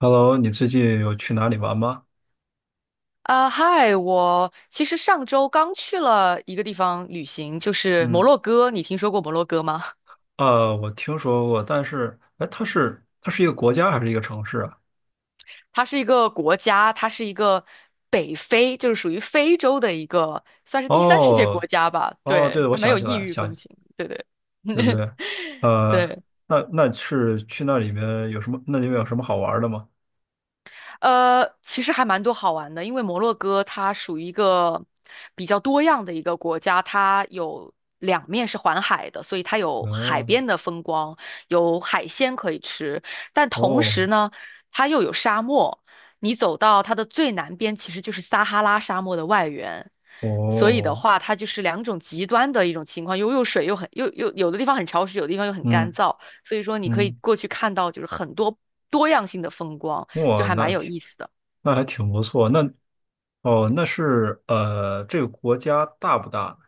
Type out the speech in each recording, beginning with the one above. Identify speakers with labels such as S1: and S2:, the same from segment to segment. S1: Hello，你最近有去哪里玩吗？
S2: 啊，嗨，我其实上周刚去了一个地方旅行，就是摩
S1: 嗯，
S2: 洛哥。你听说过摩洛哥吗？
S1: 啊，我听说过，但是，哎，它是一个国家还是一个城市啊？
S2: 它是一个国家，它是一个北非，就是属于非洲的一个，算是第三世界
S1: 哦，
S2: 国家吧。
S1: 哦，对，
S2: 对，
S1: 我
S2: 它没
S1: 想
S2: 有
S1: 起
S2: 异
S1: 来，
S2: 域风
S1: 想，
S2: 情。对对
S1: 对不对？呃，
S2: 对。
S1: 那是去那里面有什么？那里面有什么好玩的吗？
S2: 其实还蛮多好玩的，因为摩洛哥它属于一个比较多样的一个国家，它有两面是环海的，所以它有海
S1: 嗯，
S2: 边的风光，有海鲜可以吃，但同
S1: 哦，
S2: 时呢，它又有沙漠。你走到它的最南边，其实就是撒哈拉沙漠的外缘。所以的
S1: 哦，
S2: 话，它就是两种极端的一种情况，又又水又很又又有的地方很潮湿，有的地方又很干
S1: 嗯
S2: 燥。所以说，你可以
S1: 嗯，
S2: 过去看到就是很多多样性的风光。就
S1: 哇，
S2: 还蛮有意思的。
S1: 那还挺不错。那，哦，这个国家大不大？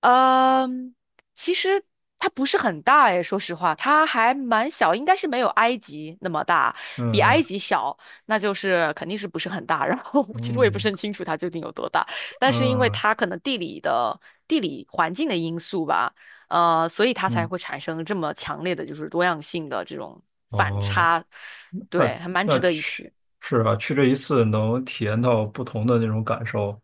S2: 嗯，其实它不是很大诶，说实话，它还蛮小，应该是没有埃及那么大，比埃
S1: 嗯
S2: 及小，那就是肯定是不是很大。然后其实我
S1: 嗯
S2: 也不是很
S1: 嗯
S2: 清楚它究竟有多大，但是因为
S1: 嗯
S2: 它可能地理环境的因素吧，所以它才
S1: 嗯，
S2: 会产生这么强烈的就是多样性的这种反
S1: 哦。
S2: 差，
S1: 那
S2: 对，还蛮
S1: 那
S2: 值得一
S1: 去
S2: 去。
S1: 是啊，去这一次能体验到不同的那种感受，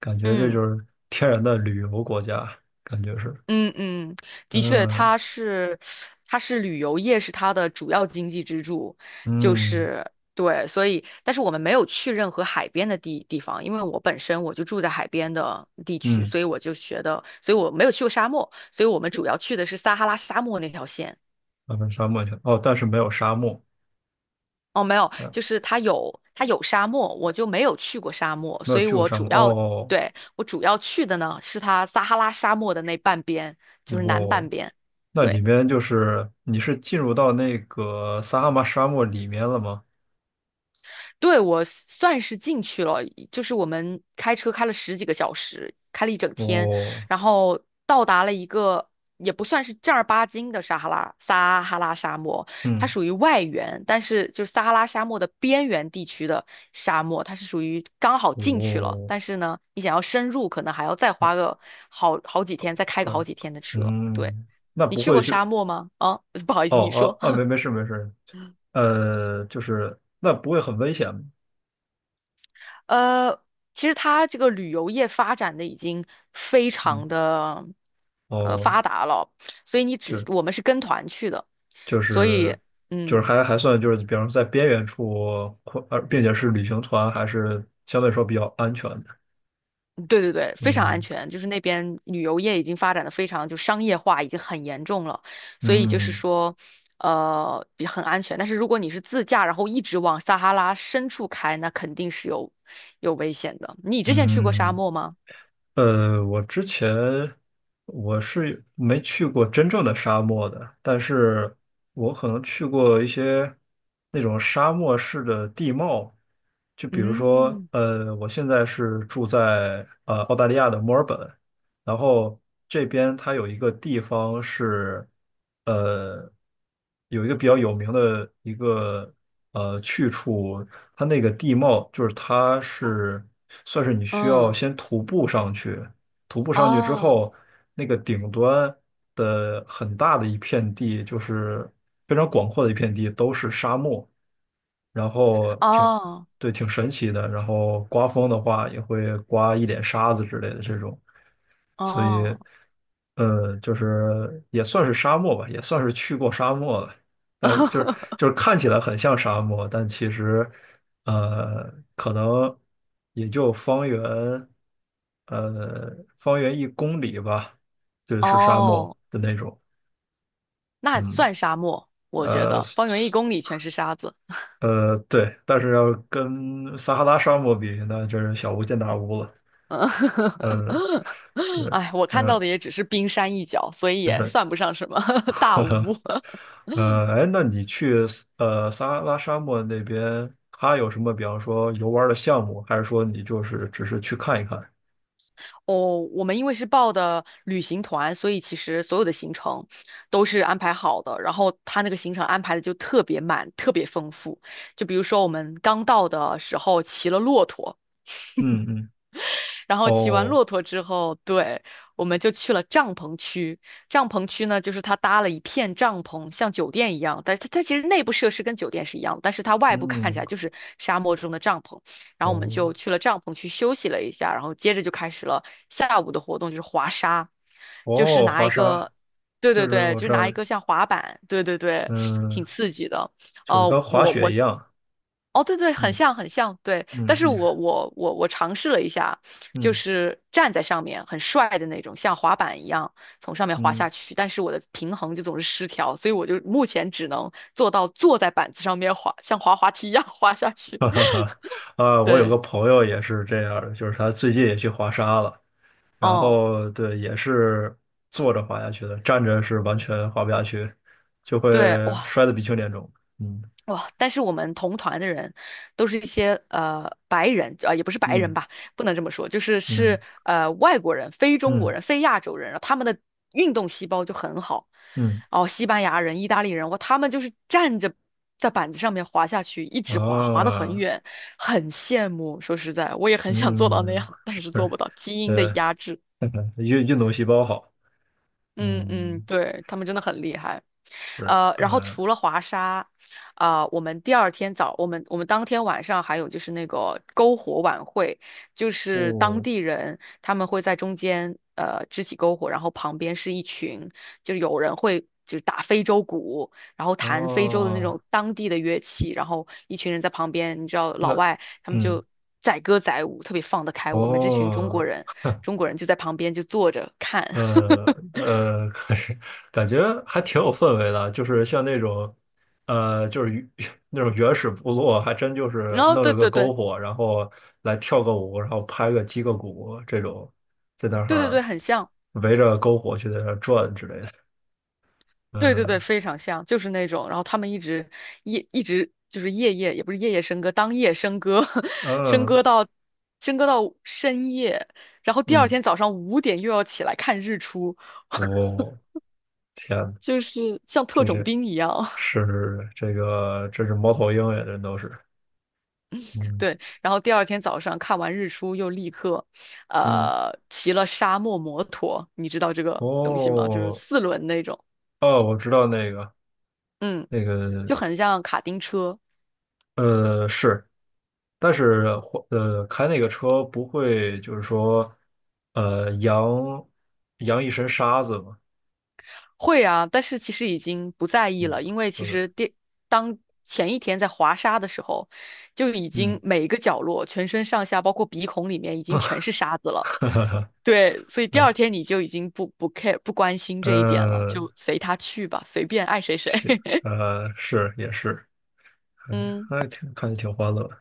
S1: 感觉这
S2: 嗯。
S1: 就是天然的旅游国家，感觉是，
S2: 嗯嗯，的确，
S1: 嗯
S2: 它是旅游业是它的主要经济支柱，就
S1: 嗯
S2: 是对，所以，但是我们没有去任何海边的地方，因为我本身我就住在海边的地区，
S1: 嗯，
S2: 所以我就觉得，所以我没有去过沙漠，所以我们主要去的是撒哈拉沙漠那条线。
S1: 阿根沙漠去了哦，但是没有沙漠，
S2: 哦，没有，
S1: 嗯，
S2: 就是它有沙漠，我就没有去过沙漠，
S1: 没有
S2: 所以
S1: 去过
S2: 我
S1: 沙
S2: 主
S1: 漠
S2: 要
S1: 哦，
S2: 对，我主要去的呢是它撒哈拉沙漠的那半边，就是南
S1: 哦，
S2: 半边。
S1: 那里
S2: 对。
S1: 面就是你是进入到那个撒哈拉沙漠里面了吗？
S2: 对，我算是进去了，就是我们开车开了十几个小时，开了一整天，
S1: 哦，
S2: 然后到达了一个也不算是正儿八经的撒哈拉沙漠，它
S1: 嗯，
S2: 属于外缘，但是就是撒哈拉沙漠的边缘地区的沙漠，它是属于刚好进去了，
S1: 哦，
S2: 但是呢，你想要深入，可能还要再花个好几天，再开个
S1: 可
S2: 好几天的车。对，
S1: 嗯，那
S2: 你
S1: 不
S2: 去
S1: 会
S2: 过
S1: 就
S2: 沙漠吗？啊，不好意
S1: 哦
S2: 思，你
S1: 哦
S2: 说。
S1: 啊，没事没事，就是那不会很危险吗？
S2: 呃，其实它这个旅游业发展的已经非
S1: 嗯，
S2: 常的
S1: 哦，
S2: 发达了，所以你只
S1: 就
S2: 我们是跟团去的，
S1: 就
S2: 所
S1: 是
S2: 以
S1: 就是
S2: 嗯，
S1: 还算就是，比方说在边缘处，并且是旅行团，还是相对来说比较安全的。
S2: 对对对，非常安
S1: 嗯
S2: 全。就是那边旅游业已经发展的非常就商业化，已经很严重了，所以就是
S1: 嗯
S2: 说也很安全。但是如果你是自驾，然后一直往撒哈拉深处开，那肯定是有危险的。你之前去过沙
S1: 嗯。
S2: 漠吗？
S1: 我之前我是没去过真正的沙漠的，但是我可能去过一些那种沙漠式的地貌，就比如说，
S2: 嗯，
S1: 我现在是住在澳大利亚的墨尔本，然后这边它有一个地方是，呃，有一个比较有名的一个去处，它那个地貌就是算是你需要
S2: 嗯，
S1: 先徒步上去，徒步上去之
S2: 哦，
S1: 后，那个顶端的很大的一片地，就是非常广阔的一片地，都是沙漠。然后
S2: 哦
S1: 对，挺神奇的。然后刮风的话，也会刮一脸沙子之类的这种，所以，
S2: 哦，
S1: 就是也算是沙漠吧，也算是去过沙漠了。但是就是 就是看起来很像沙漠，但其实，可能也就方圆，呃，1公里吧，就是沙漠
S2: 哦，
S1: 的那种。
S2: 那
S1: 嗯，
S2: 算沙漠，我觉
S1: 呃，
S2: 得方圆1公里全是沙子。
S1: 对，但是要跟撒哈拉沙漠比，那就是小巫见大巫了。
S2: 嗯，
S1: 呃，对，
S2: 哎，我看到
S1: 嗯、
S2: 的也只是冰山一角，所以
S1: 就
S2: 也
S1: 是
S2: 算不上什么 大屋。
S1: 哎，那你去撒哈拉沙漠那边，它有什么，比方说游玩儿的项目，还是说你就是只是去看一看？
S2: 哦，我们因为是报的旅行团，所以其实所有的行程都是安排好的。然后他那个行程安排的就特别满，特别丰富。就比如说我们刚到的时候骑了骆驼。
S1: 嗯嗯，
S2: 然后骑完
S1: 哦，
S2: 骆驼之后，对，我们就去了帐篷区。帐篷区呢，就是它搭了一片帐篷，像酒店一样，但是它其实内部设施跟酒店是一样的，但是它外部看起
S1: 嗯，
S2: 来就是沙漠中的帐篷。然后我们
S1: 哦，
S2: 就去了帐篷区休息了一下，然后接着就开始了下午的活动，就是滑沙，就是
S1: 哦，
S2: 拿
S1: 滑
S2: 一
S1: 沙，
S2: 个。对
S1: 就
S2: 对
S1: 是
S2: 对，
S1: 我
S2: 就是
S1: 知
S2: 拿
S1: 道，
S2: 一个像滑板，对对对，
S1: 嗯，
S2: 挺刺激的。
S1: 就是
S2: 哦、
S1: 跟滑雪一样，
S2: 哦，对对，很
S1: 嗯
S2: 像很像，对。
S1: 嗯，
S2: 但是我尝试了一下，就
S1: 嗯
S2: 是站在上面很帅的那种，像滑板一样从上面滑
S1: 嗯。
S2: 下去，但是我的平衡就总是失调，所以我就目前只能做到坐在板子上面滑，像滑滑梯一样滑下 去。
S1: 哈哈哈，啊，我有
S2: 对，
S1: 个朋友也是这样儿的，就是他最近也去滑沙了，然
S2: 嗯，
S1: 后对，也是坐着滑下去的，站着是完全滑不下去，就会
S2: 对，哇，
S1: 摔得鼻青脸肿。嗯
S2: 哇！但是我们同团的人都是一些白人，啊、也不是白人
S1: 嗯
S2: 吧，不能这么说，就是
S1: 嗯
S2: 是呃外国人、非中国
S1: 嗯
S2: 人、非亚洲人他们的运动细胞就很好。
S1: 嗯
S2: 哦，西班牙人、意大利人，哇，他们就是站着在板子上面滑下去，一直滑，滑得很
S1: 啊
S2: 远，很羡慕。说实在，我也很想做到那
S1: 嗯，
S2: 样，但
S1: 是，
S2: 是做不到，基因的
S1: 呃
S2: 压制。
S1: 运动细胞好，
S2: 嗯嗯，
S1: 嗯，
S2: 对，他们真的很厉害。
S1: 是，
S2: 然后除了华沙，啊、我们第二天早，我们我们当天晚上还有就是那个篝火晚会，就是当
S1: 哦
S2: 地人他们会在中间支起篝火，然后旁边是一群，就是有人会就是打非洲鼓，然后弹非洲的那
S1: 哦，
S2: 种当地的乐器，然后一群人在旁边，你知道老
S1: 那，
S2: 外他们
S1: 嗯，
S2: 就。载歌载舞，特别放得开。我们这群中国
S1: 哦。
S2: 人，中国人就在旁边就坐着看。
S1: 呃 呃，感感觉还挺有氛围的，就是像那种，就是那种原始部落，还真就是
S2: 然后
S1: 弄
S2: 对
S1: 了个
S2: 对
S1: 篝
S2: 对
S1: 火，然后来跳个舞，然后击个鼓这种，在那
S2: 对对对，
S1: 儿
S2: 很像，
S1: 围着篝火去在那儿转之类的。
S2: 对对对，
S1: 嗯
S2: 非常像，就是那种。然后他们一直就是夜夜也不是夜夜笙歌，当夜笙歌，笙
S1: 嗯
S2: 歌到笙歌到深夜，然后第二
S1: 嗯，
S2: 天早上5点又要起来看日出，
S1: 我、天呐，
S2: 就是像特
S1: 这
S2: 种
S1: 这
S2: 兵一样。
S1: 是这个，这是猫头鹰呀，这都是，嗯
S2: 对，然后第二天早上看完日出又立刻，
S1: 嗯，
S2: 骑了沙漠摩托，你知道这个东西吗？就是
S1: 哦
S2: 四轮那种，
S1: 哦，我知道那个
S2: 嗯，
S1: 那个。
S2: 就很像卡丁车。
S1: 是，但是开那个车不会就是说，呃，扬扬一身沙子嘛，
S2: 会啊，但是其实已经不在意
S1: 嗯，
S2: 了，因为
S1: 不
S2: 其
S1: 对，
S2: 实当前一天在滑沙的时候，就已
S1: 嗯，
S2: 经每一个角落、全身上下，包括鼻孔里面，已经全 是沙子了。
S1: 哈哈哈
S2: 对，所以第二天你就已经不 care 不关心这一点了，
S1: 呃，
S2: 就随他去吧，随便爱谁谁。
S1: 是，是也是，哎，
S2: 嗯
S1: 看着挺欢乐的，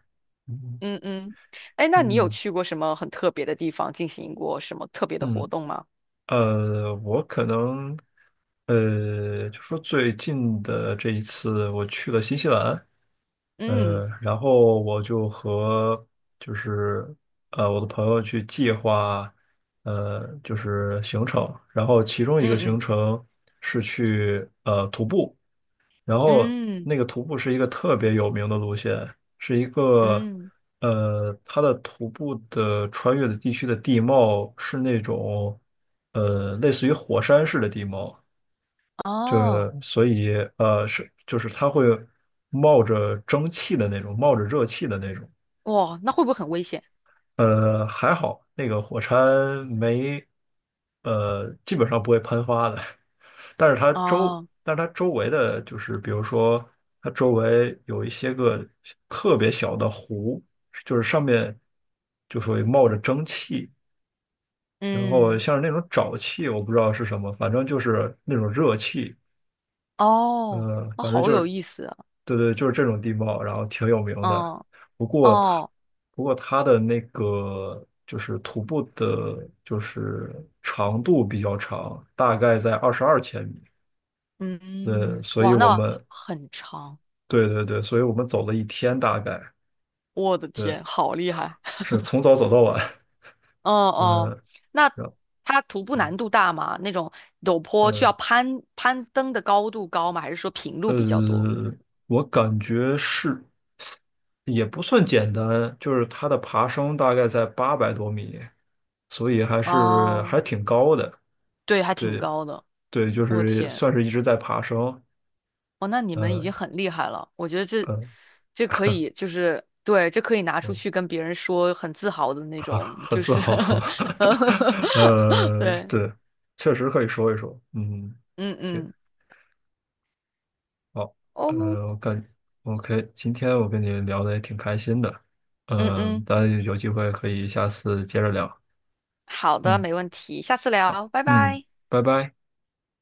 S1: 嗯
S2: 嗯嗯，哎，那你有
S1: 嗯
S2: 去过什么很特别的地方，进行过什么特别的活
S1: 嗯。
S2: 动吗？
S1: 我可能，就说最近的这一次，我去了新西兰，
S2: 嗯
S1: 然后我就和就是我的朋友去计划，就是行程，然后其中一个行
S2: 嗯
S1: 程是去徒步。然后
S2: 嗯嗯
S1: 那个徒步是一个特别有名的路线，是一个
S2: 嗯，
S1: 呃，它的徒步的穿越的地区的地貌是类似于火山式的地貌，就
S2: 哦，
S1: 是所以就是它会冒着蒸汽的那种，冒着热气的那种。
S2: 哇，那会不会很危险？
S1: 还好那个火山没呃，基本上不会喷发的。
S2: 哦。
S1: 但是它周围的就是，比如说它周围有一些个特别小的湖，就是上面就属于冒着蒸汽，然后
S2: 嗯，
S1: 像是那种沼气，我不知道是什么，反正就是那种热气，
S2: 哦，哦，
S1: 反正
S2: 好
S1: 就
S2: 有
S1: 是，
S2: 意思啊，
S1: 对对，就是这种地貌，然后挺有名的。
S2: 嗯，
S1: 不过它，
S2: 哦，
S1: 不过它的那个就是徒步的，就是长度比较长，大概在22千米。对，
S2: 嗯，
S1: 所以
S2: 哇，
S1: 我
S2: 那
S1: 们
S2: 很长，
S1: 对对对，所以我们走了一天大概，
S2: 我的
S1: 对，
S2: 天，好厉害，
S1: 是从早走到晚，
S2: 哦
S1: 嗯，
S2: 哦，那
S1: 然后
S2: 它徒步难度大吗？那种陡坡需要
S1: 呃
S2: 攀登的高度高吗？还是说平路比较多？
S1: 呃，我感觉是也不算简单，就是它的爬升大概在800多米，所以还是
S2: 哦，
S1: 还挺高的，
S2: 对，还挺
S1: 对
S2: 高的，
S1: 对，就
S2: 我的
S1: 是
S2: 天，
S1: 算是一直在爬升，
S2: 哦，那你们已经
S1: 嗯，
S2: 很厉害了，我觉得这
S1: 呃
S2: 这可以就是对，这可以拿出
S1: 嗯，
S2: 去跟别人说，很自豪的那种，
S1: 很
S2: 就
S1: 自
S2: 是
S1: 豪，
S2: 对，
S1: 对，确实可以说一说，嗯。
S2: 嗯
S1: 挺
S2: 嗯，
S1: 好，呃，
S2: 哦，
S1: 我感 OK，今天我跟你聊的也挺开心的，
S2: 嗯
S1: 嗯、
S2: 嗯，
S1: 当然有机会可以下次接着聊，
S2: 好的，
S1: 嗯
S2: 没问题，下次聊，拜
S1: 嗯，
S2: 拜。
S1: 拜拜。